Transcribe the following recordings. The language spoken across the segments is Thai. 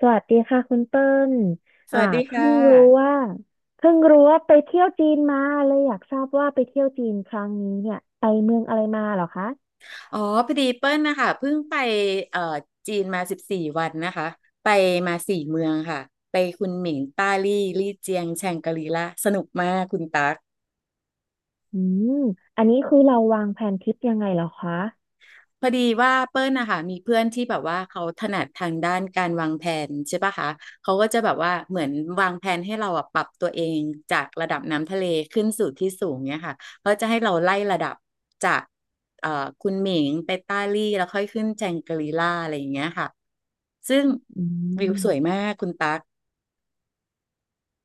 สวัสดีค่ะคุณเติ้ลสอ่าวัสดีเพิ่ค่ะ งรู้ว่าเพิ่งรู้ว่าไปเที่ยวจีนมาเลยอยากทราบว่าไปเที่ยวจีนครั้งนี้เนี่ยไปเมืองอะไรมาเหรอคะอ๋อพอดีเปิ้ลนะคะเพิ่งไปเอ่อจีนมา14 วันนะคะ ไปมาสี่เมืองค่ะ ไปคุนหมิงต้าลี่ ลี่เจียง แชงกรีลาสนุกมากคุณตั๊ก อืมอันนี้คือเราวางแผนทริปยังไงเหรอคะพอดีว่าเปิ้ลนะคะมีเพื่อนที่แบบว่าเขาถนัดทางด้านการวางแผนใช่ปะคะเขาก็จะแบบว่าเหมือนวางแผนให้เราอะปรับตัวเองจากระดับน้ำทะเลขึ้นสู่ที่สูงเนี่ยค่ะเขาจะให้เราไล่ระดับจากเอ่อคุณหมิงไปต้าลี่แล้วค่อยขึ้นแจงกรีล่าอะไรอย่างเงี้ยค่ะซึ่งอืวิวม สวยมากคุณตั๊ก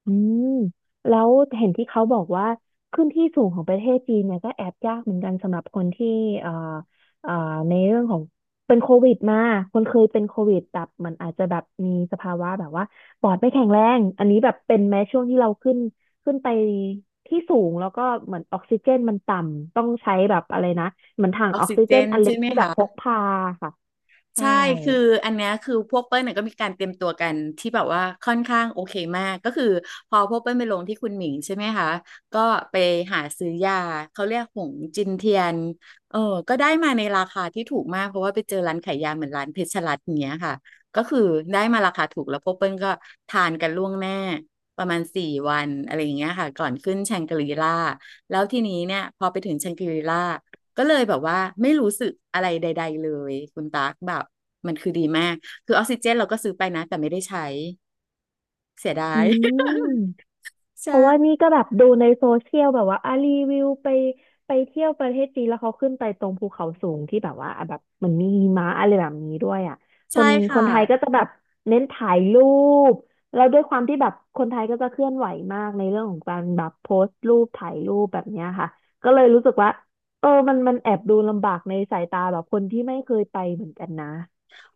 อืมแล้วเห็นที่เขาบอกว่าขึ้นที่สูงของประเทศจีนเนี่ยก็แอบยากเหมือนกันสำหรับคนที่เอ่อเอ่อในเรื่องของเป็นโควิดมาคนเคยเป็นโควิดแบบมันอาจจะแบบมีสภาวะแบบว่าปอดไม่แข็งแรงอันนี้แบบเป็นแม้ช่วงที่เราขึ้นไปที่สูงแล้วก็เหมือนออกซิเจนมันต่ำต้องใช้แบบอะไรนะเหมือนถังออกออกซิซิเจเจนนอันเล็ใช่กไหมที่แบบพกคะ พาค่ะใช่ใช่ คืออันเนี้ยคือพวกเปิ้ลเนี่ยก็มีการเตรียมตัวกันที่แบบว่าค่อนข้างโอเคมาก ก็คือพอพวกเปิ้ลไปลงที่คุณหมิงใช่ไหมคะ ก็ไปหาซื้อยาเขาเรียกหงจินเทียนเออก็ได้มาในราคาที่ถูกมากเพราะว่าไปเจอร้านขายยาเหมือนร้านเพชรรัตน์อย่างเงี้ยค่ะก็คือได้มาราคาถูกแล้วพวกเปิ้ลก็ทานกันล่วงหน้าประมาณสี่วันอะไรอย่างเงี้ยค่ะก่อนขึ้นแชงกรีล่าแล้วทีนี้เนี่ยพอไปถึงแชงกรีล่า ก็เลยแบบว่าไม่รู้สึกอะไรใดๆเลยคุณตั๊กแบบมันคือดีมากคือออกซิเจนเราก็ซื้อไปนะแต่ไม่ได้ใช้เสียดาอืย ม เพราะว่าใช่นี่ก็แบบดูในโซเชียลแบบว่าอ่ะรีวิวไปเที่ยวประเทศจีนแล้วเขาขึ้นไปตรงภูเขาสูงที่แบบว่าอ่ะแบบมันมีหิมะอะไรแบบนี้ด้วยอ่ะคใช่นคค่ะ นไทยก็จะแบบเน้นถ่ายรูปแล้วด้วยความที่แบบคนไทยก็จะเคลื่อนไหวมากในเรื่องของการแบบโพสต์รูปถ่ายรูปแบบเนี้ยค่ะก็เลยรู้สึกว่าเออมันแอบดูลำบากในสายตาแบบคนที่ไม่เคยไปเหมือนกันนะ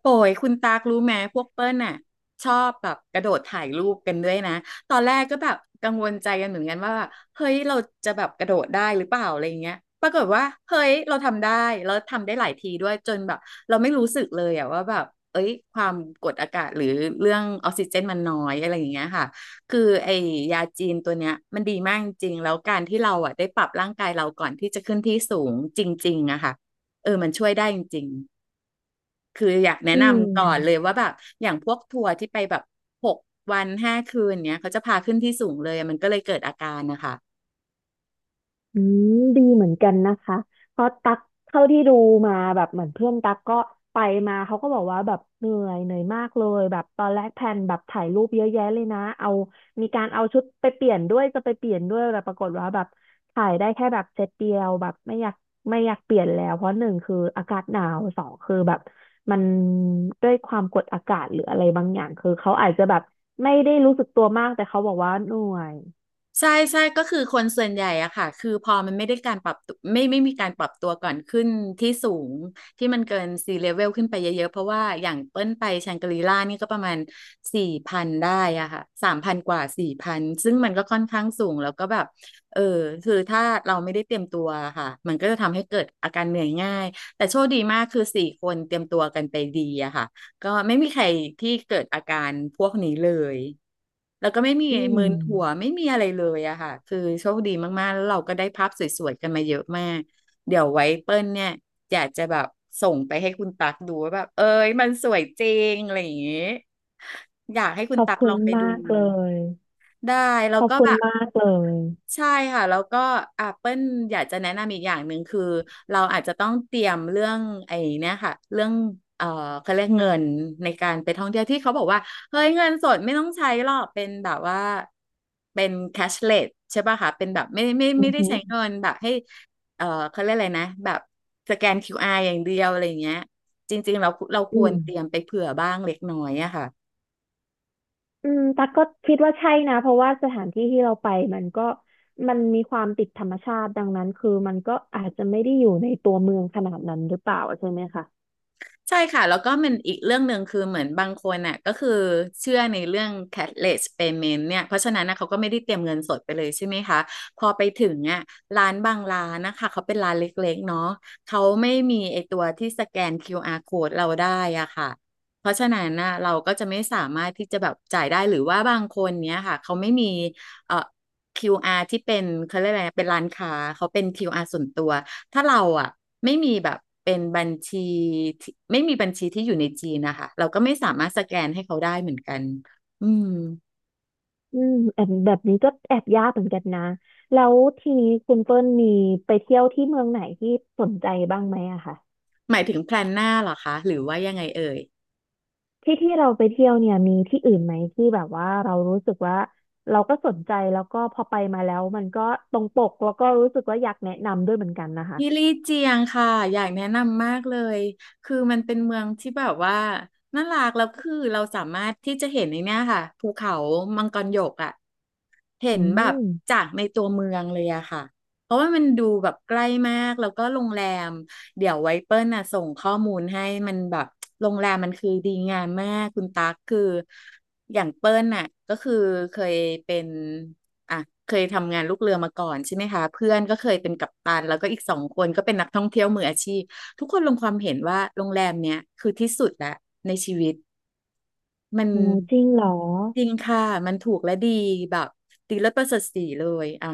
โอ้ยคุณตากรู้ไหมพวกเปิ้ลน่ะชอบแบบกระโดดถ่ายรูปกันด้วยนะตอนแรกก็แบบกังวลใจกันเหมือนกันว่าแบบเฮ้ยเราจะแบบกระโดดได้หรือเปล่าอะไรเงี้ยปรากฏว่าเฮ้ยเราทำได้แล้วทำได้หลายทีด้วยจนแบบเราไม่รู้สึกเลยอะว่าแบบเอ้ยความกดอากาศหรือเรื่องออกซิเจนมันน้อยอะไรอย่างเงี้ยค่ะคือไอ้ยาจีนตัวเนี้ยมันดีมากจริงๆแล้วการที่เราอะได้ปรับร่างกายเราก่อนที่จะขึ้นที่สูงจริงๆอะค่ะเออมันช่วยได้จริง คืออยากแนะอืนำก่อนเลยม ว่าแบบอย่างพวกทัวร์ที่ไปแบบ6 วัน 5 คืนเนี้ยเขาจะพาขึ้นที่สูงเลยมันก็เลยเกิดอาการนะคะ อืมดีเหมือนกันนะคะเพราะตักเท่าที่ดูมาแบบเหมือนเพื่อนตักก็ไปมาเขาก็บอกว่าแบบเหนื่อยมากเลยแบบตอนแรกแพลนแบบถ่ายรูปเยอะแยะเลยนะเอามีการเอาชุดไปเปลี่ยนด้วยจะไปเปลี่ยนด้วยแต่ปรากฏว่าแบบถ่ายได้แค่แบบเซตเดียวแบบไม่อยากเปลี่ยนแล้วเพราะหนึ่งคืออากาศหนาวสองคือแบบมันด้วยความกดอากาศหรืออะไรบางอย่างคือเขาอาจจะแบบไม่ได้รู้สึกตัวมากแต่เขาบอกว่าเหนื่อยใช่ใช่ก็คือคนส่วนใหญ่อะค่ะคือพอมันไม่ได้การปรับตัวไม่มีการปรับตัวก่อนขึ้นที่สูงที่มันเกินซี level ขึ้นไปเยอะๆเพราะว่าอย่างเปิ้ลไปแชงกรีล่านี่ก็ประมาณสี่พันได้อะค่ะ3,000 กว่า 4,000ซึ่งมันก็ค่อนข้างสูงแล้วก็แบบเออคือถ้าเราไม่ได้เตรียมตัวค่ะมันก็จะทำให้เกิดอาการเหนื่อยง่ายแต่โชคดีมากคือสี่คนเตรียมตัวกันไปดีอะค่ะ ก็ไม่มีใครที่เกิดอาการพวกนี้เลย แล้วก็ไม่มีอืม มึนหัวไม่มีอะไรเลยอะค่ะ คือโชคดีมากๆแล้วเราก็ได้ภาพสวยๆกันมาเยอะมาก เดี๋ยวไว้เปิ้ลเนี่ยอยากจะแบบส่งไปให้คุณตักดูว่าแบบเอ้ยมันสวยจริงอะไรอย่างงี้อยากให้คุขณอบตักคุลอณงไปมาดูกเลย ได้แล้ขวอบก็คุแบณบ มากเลยใช่ค่ะแล้วก็อ่ะเปิ้ลอยากจะแนะนำอีกอย่างหนึ่งคือเราอาจจะต้องเตรียมเรื่องไอ้เนี่ยค่ะเรื่องเอ่อเขาเรียกเงินในการไปท่องเที่ยวที่เขาบอกว่าเฮ้ยเงินสดไม่ต้องใช้หรอกเป็นแบบว่าเป็นแคชเลสใช่ป่ะคะเป็นแบบไม่ไม่อืไม่อได้หือใช้เงินแบบให้เอ่อเขาเรียกอะไรนะแบบสแกน QR อาร์อย่างเดียวอะไรอย่างเงี้ยจริงๆเราคอืวรมเตรียมไปเผื่อบ้างเล็กน้อยอะค่ะ อืมตักก็คิดว่าใช่นะ เพราะว่าสถานที่ที่เราไปมันก็มันมีความติดธรรมชาติดังนั้นคือมันก็อาจจะไม่ได้อยู่ในตัวเมืองขนาดนั้นหรือเปล่าใช่ไหมคะใช่ค่ะแล้วก็มันอีกเรื่องหนึ่งคือเหมือนบางคนน่ะก็คือเชื่อในเรื่อง cashless payment เนี่ยเพราะฉะนั้นนะเขาก็ไม่ได้เตรียมเงินสดไปเลยใช่ไหมคะพอไปถึงอ่ะร้านบางร้านนะคะเขาเป็นร้านเล็กๆเนาะเขาไม่มีไอตัวที่สแกนคิวอาร์ code เราได้อ่ะค่ะเพราะฉะนั้นนะเราก็จะไม่สามารถที่จะแบบจ่ายได้หรือว่าบางคนเนี้ยค่ะเขาไม่มีเอ่อคิวอาร์ที่เป็นเขาเรียกอะไรนะเป็นร้านค้าเขาเป็นคิวอาร์ส่วนตัว ถ้าเราอ่ะไม่มีแบบเป็นบัญชีที่ไม่มีบัญชีที่อยู่ในจีนนะคะเราก็ไม่สามารถสแกนให้เขาได้เหมือนกันอืมอืมแอบแบบนี้ก็แอบยากเหมือนกันนะแล้วทีนี้คุณเปิ้ลมีไปเที่ยวที่เมืองไหนที่สนใจบ้างไหมอะคะ หมายถึงแพลนหน้าเหรอคะหรือว่ายังไงเอ่ย ที่ที่เราไปเที่ยวเนี่ยมีที่อื่นไหมที่แบบว่าเรารู้สึกว่าเราก็สนใจแล้วก็พอไปมาแล้วมันก็ตรงปกแล้วก็รู้สึกว่าอยากแนะนำด้วยเหมือนกันนะคะที่ลี่เจียงค่ะ อยากแนะนำมากเลย คือมันเป็นเมืองที่แบบว่าน่ารักแล้วคือเราสามารถที่จะเห็นในเนี้ยค่ะภูเขามังกรหยกอ่ะเห็อืนแบบมจากในตัวเมืองเลยอะค่ะ เพราะว่ามันดูแบบใกล้มาก แล้วก็โรงแรมเดี๋ยวไว้เปิ้ลน่ะส่งข้อมูลให้มันแบบโรงแรมมันคือดีงามมากคุณตั๊กคืออย่างเปิ้ลน่ะก็คือเคยเป็น อ่ะเคยทำงานลูกเรือมาก่อนใช่ไหมคะเพื่อนก็เคยเป็นกัปตันแล้วก็อีกสองคนก็เป็นนักท่องเที่ยวมืออาชีพทุกคนลงความเห็นว่าโรงแรมเนี้ยคือที่สุดละในชีวิตมันโหจริงเหรอจริงค่ะมันถูกและดีแบบดีเลิศประเสริฐศรีเลยอ่ะ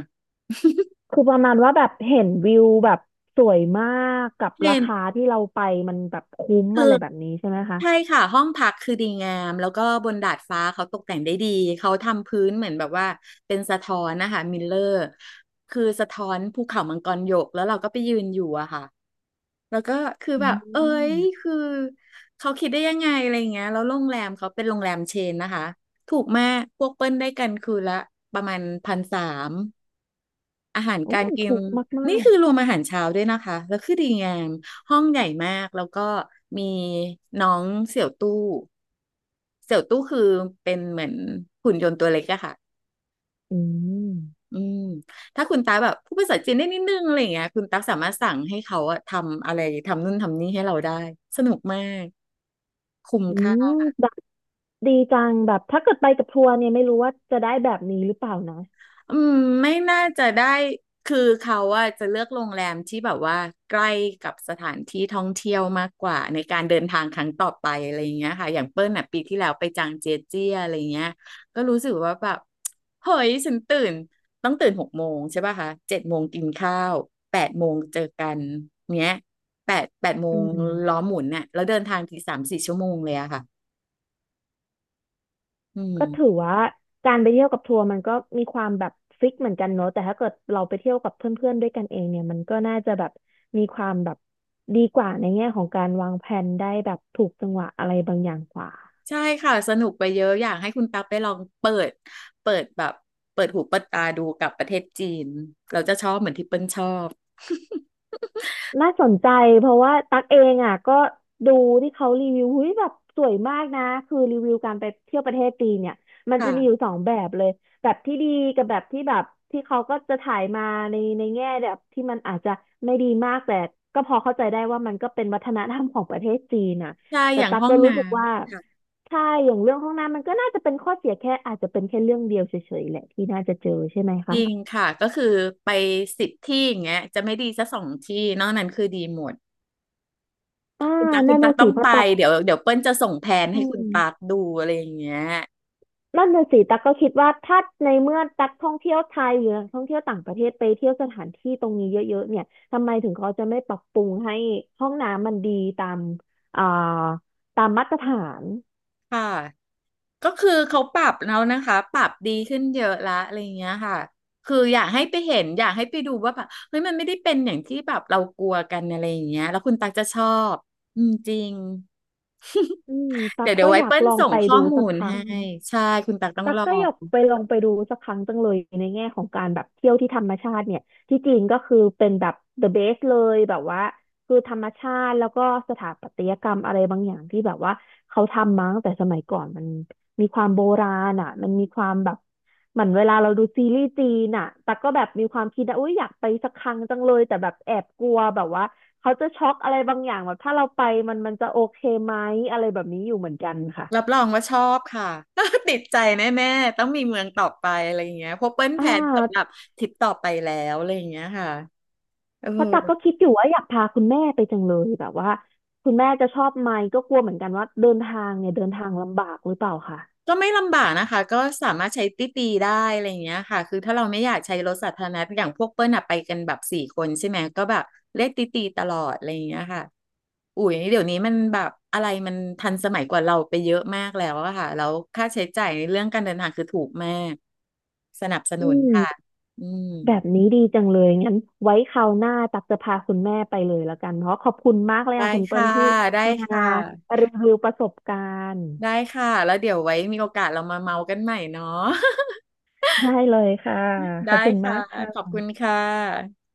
คือประมาณว่าแบบเห็นวิวแบบสวยมากกับเห็รานคาที่เราไปมันแบบคุ้มคืออะไรแบบนี้ใช่ไหมคะใช่ค่ะห้องพักคือดีงามแล้วก็บนดาดฟ้าเขาตกแต่งได้ดีเขาทำพื้นเหมือนแบบว่าเป็นสะท้อนนะคะมิลเลอร์คือสะท้อนภูเขามังกรหยกแล้วเราก็ไปยืนอยู่อะค่ะ แล้วก็คืออืแบบเอ้ยมคือเขาคิดได้ยังไงอะไรอย่างเงี้ยแล้วโรงแรมเขาเป็นโรงแรมเชนนะคะถูกมากพวกเปิ้ลได้กันคืนละประมาณ1,300อาหารโอ้การกินถูกมากมานี่กคือรวมอาหารเช้าด้วยนะคะแล้วคือดีงามห้องใหญ่มากแล้วก็มีน้องเสี่ยวตู้เสี่ยวตู้คือเป็นเหมือนหุ่นยนต์ตัวเล็กอะค่ะ อืมอืมถ้าคุณตาแบบพูดภาษาจีนได้นิดนึงอะไรอย่างเงี้ยคุณตั๊กสามารถสั่งให้เขาอะทำอะไรทำนู่นทำนี่ให้เราได้สนุกมากคุ้มอืค่า มแบบดีจังแบบถ้าเกิดไปกับทัวร์เนี่ยไม่รู้ว่าจะได้แบบนี้หรือเปล่านะอืมไม่น่าจะได้คือเขาอะจะเลือกโรงแรมที่แบบว่าใกล้กับสถานที่ท่องเที่ยวมากกว่าในการเดินทางครั้งต่อไปอะไรอย่างเงี้ยค่ะอย่างเปิ้ลอะปีที่แล้วไปจางเจียเจี้ยอะไรเงี้ยก็รู้สึกว่าแบบเฮ้ยฉันตื่นต้องตื่น6 โมงใช่ป่ะคะ7 โมงกินข้าวแปดโมงเจอกันเนี้ยแปดโมอืงล้อม หมุนเนี่ยแล้วเดินทางที3-4 ชั่วโมงเลยอะค่ะอืก็ม ถือว่าการไปเที่ยวกับทัวร์มันก็มีความแบบฟิกเหมือนกันเนอะแต่ถ้าเกิดเราไปเที่ยวกับเพื่อนๆด้วยกันเองเนี่ยมันก็น่าจะแบบมีความแบบดีกว่าในแง่ของการวางแผนได้แบบถูกจังหวะอะไรบางอย่างกว่า ใช่ค่ะสนุกไปเยอะอยากให้คุณตั๊บไปลองเปิดแบบเปิดหูเปิดตาดูกับประเทศจีนเราจะชอบเหมือนที่เปิ้ลชอบ น่าสนใจเพราะว่าตักเองอ่ะก็ดูที่เขารีวิวหุ้ยแบบสวยมากนะคือรีวิวการไปเที่ยวประเทศจีนเนี่ยมันจะมีอยู่ค่ะสองแบบเลยแบบที่ดีกับแบบที่แบบที่เขาก็จะถ่ายมาในแง่แบบที่มันอาจจะไม่ดีมากแต่ก็พอเข้าใจได้ว่ามันก็เป็นวัฒนธรรมของประเทศจีนน่ะใช่แต่อย่างตักห้องก็น้รู้สึกว่าใช่อย่างเรื่องห้องน้ำมันก็น่าจะเป็นข้อเสียแค่อาจจะเป็นแค่เรื่องเดียวเฉยๆแหละที่น่าจะเจอใช่ไหมำจคะริงค่ะก็คือไป10 ที่อย่างเงี้ยจะไม่ดีสักสองที่นอกนั้นคือดีหมดอ่าคุณตั๊กคุนั่ณนตั๊กน่ะต้อสิงเพไปราะตักเดี๋ยวเปิ้ลจะส่งแผนอืให้คุณม ตั๊กดูอะไรอย่างเงี้ยนั่นน่ะสิตั๊กก็คิดว่าถ้าในเมื่อตั๊กท่องเที่ยวไทยหรือนักท่องเที่ยวต่างประเทศไปเที่ยวสถานที่ตรงนี้เยอะๆเนี่ยทำไมถึงเขาจะไม่ปรับปรุงให้ห้องน้ำมันดีตามอ่าตามมาตรฐานค่ะ ก็คือเขาปรับแล้วนะคะปรับดีขึ้นเยอะละอะไรอย่างเงี้ยค่ะคืออยากให้ไปเห็นอยากให้ไปดูว่าแบบเฮ้ยมันไม่ได้เป็นอย่างที่แบบเรากลัวกันอะไรอย่างเงี้ยแล้วคุณตักจะชอบอืมจริงอืมเดี๋ตั๊ยกวเดี๋ยก็วไว้อยากเปิ้ลลองส่งไปข้อดูมูสักลครั้ให้ง ใช่คุณตักต้องตั๊กลอก็องยากไปลองไปดูสักครั้งจังเลยในแง่ของการแบบเที่ยวที่ธรรมชาติเนี่ยที่จีนก็คือเป็นแบบ the best เลยแบบว่าคือธรรมชาติแล้วก็สถาปัตยกรรมอะไรบางอย่างที่แบบว่าเขาทำมาตั้งแต่สมัยก่อนมันมีความโบราณอ่ะมันมีความแบบเหมือนเวลาเราดูซีรีส์จีนอ่ะตั๊กก็แบบมีความคิดนะอุ้ยอยากไปสักครั้งจังเลยแต่แบบแอบกลัวแบบว่าเขาจะช็อกอะไรบางอย่างแบบถ้าเราไปมันจะโอเคไหมอะไรแบบนี้อยู่เหมือนกันค่ะรับรองว่าชอบค่ะ ติดใจแน่ๆต้องมีเมืองต่อไปอะไรอย่างเงี้ยเพราะเปิ้ลอ่แผนสำหรับา ทริปต่อไปแล้วอะไรอย่างเงี้ยค่ะเออ เพราะตักก็คิดอยู่ว่าอยากพาคุณแม่ไปจังเลยแบบว่าคุณแม่จะชอบไหมก็กลัวเหมือนกันว่าเดินทางเนี่ยเดินทางลำบากหรือเปล่าค่ะก็ไม่ลำบากนะคะก็สามารถใช้ตี้ตีได้อะไรอย่างเงี้ยค่ะคือถ้าเราไม่อยากใช้รถสาธารณะอย่างพวกเปิ้ลอะไปกันแบบสี่คนใช่ไหมก็แบบเรียกตี้ตีตลอดอะไรอย่างเงี้ยค่ะอุ๋ยเดี๋ยวนี้มันแบบอะไรมันทันสมัยกว่าเราไปเยอะมากแล้วอะค่ะแล้วค่าใช้จ่ายในเรื่องการเดินทางคือถูกมากสนับสนุอืนมค่ะอืมแบบนี้ดีจังเลยงั้นไว้คราวหน้าตักจะพาคุณแม่ไปเลยแล้วกันเพราะขอบคุณมากเลยได้ค่ะคุณเปิ้ค่ะลที่ได้มาค่ะรีวิวประสบการณ์ได้ค่ะแล้วเดี๋ยวไว้มีโอกาสเรามาเมากันใหม่เนาะ ได้เลยค่ะ ขได้อบคุณค่ะมากขอบค่ะคุณค่ะ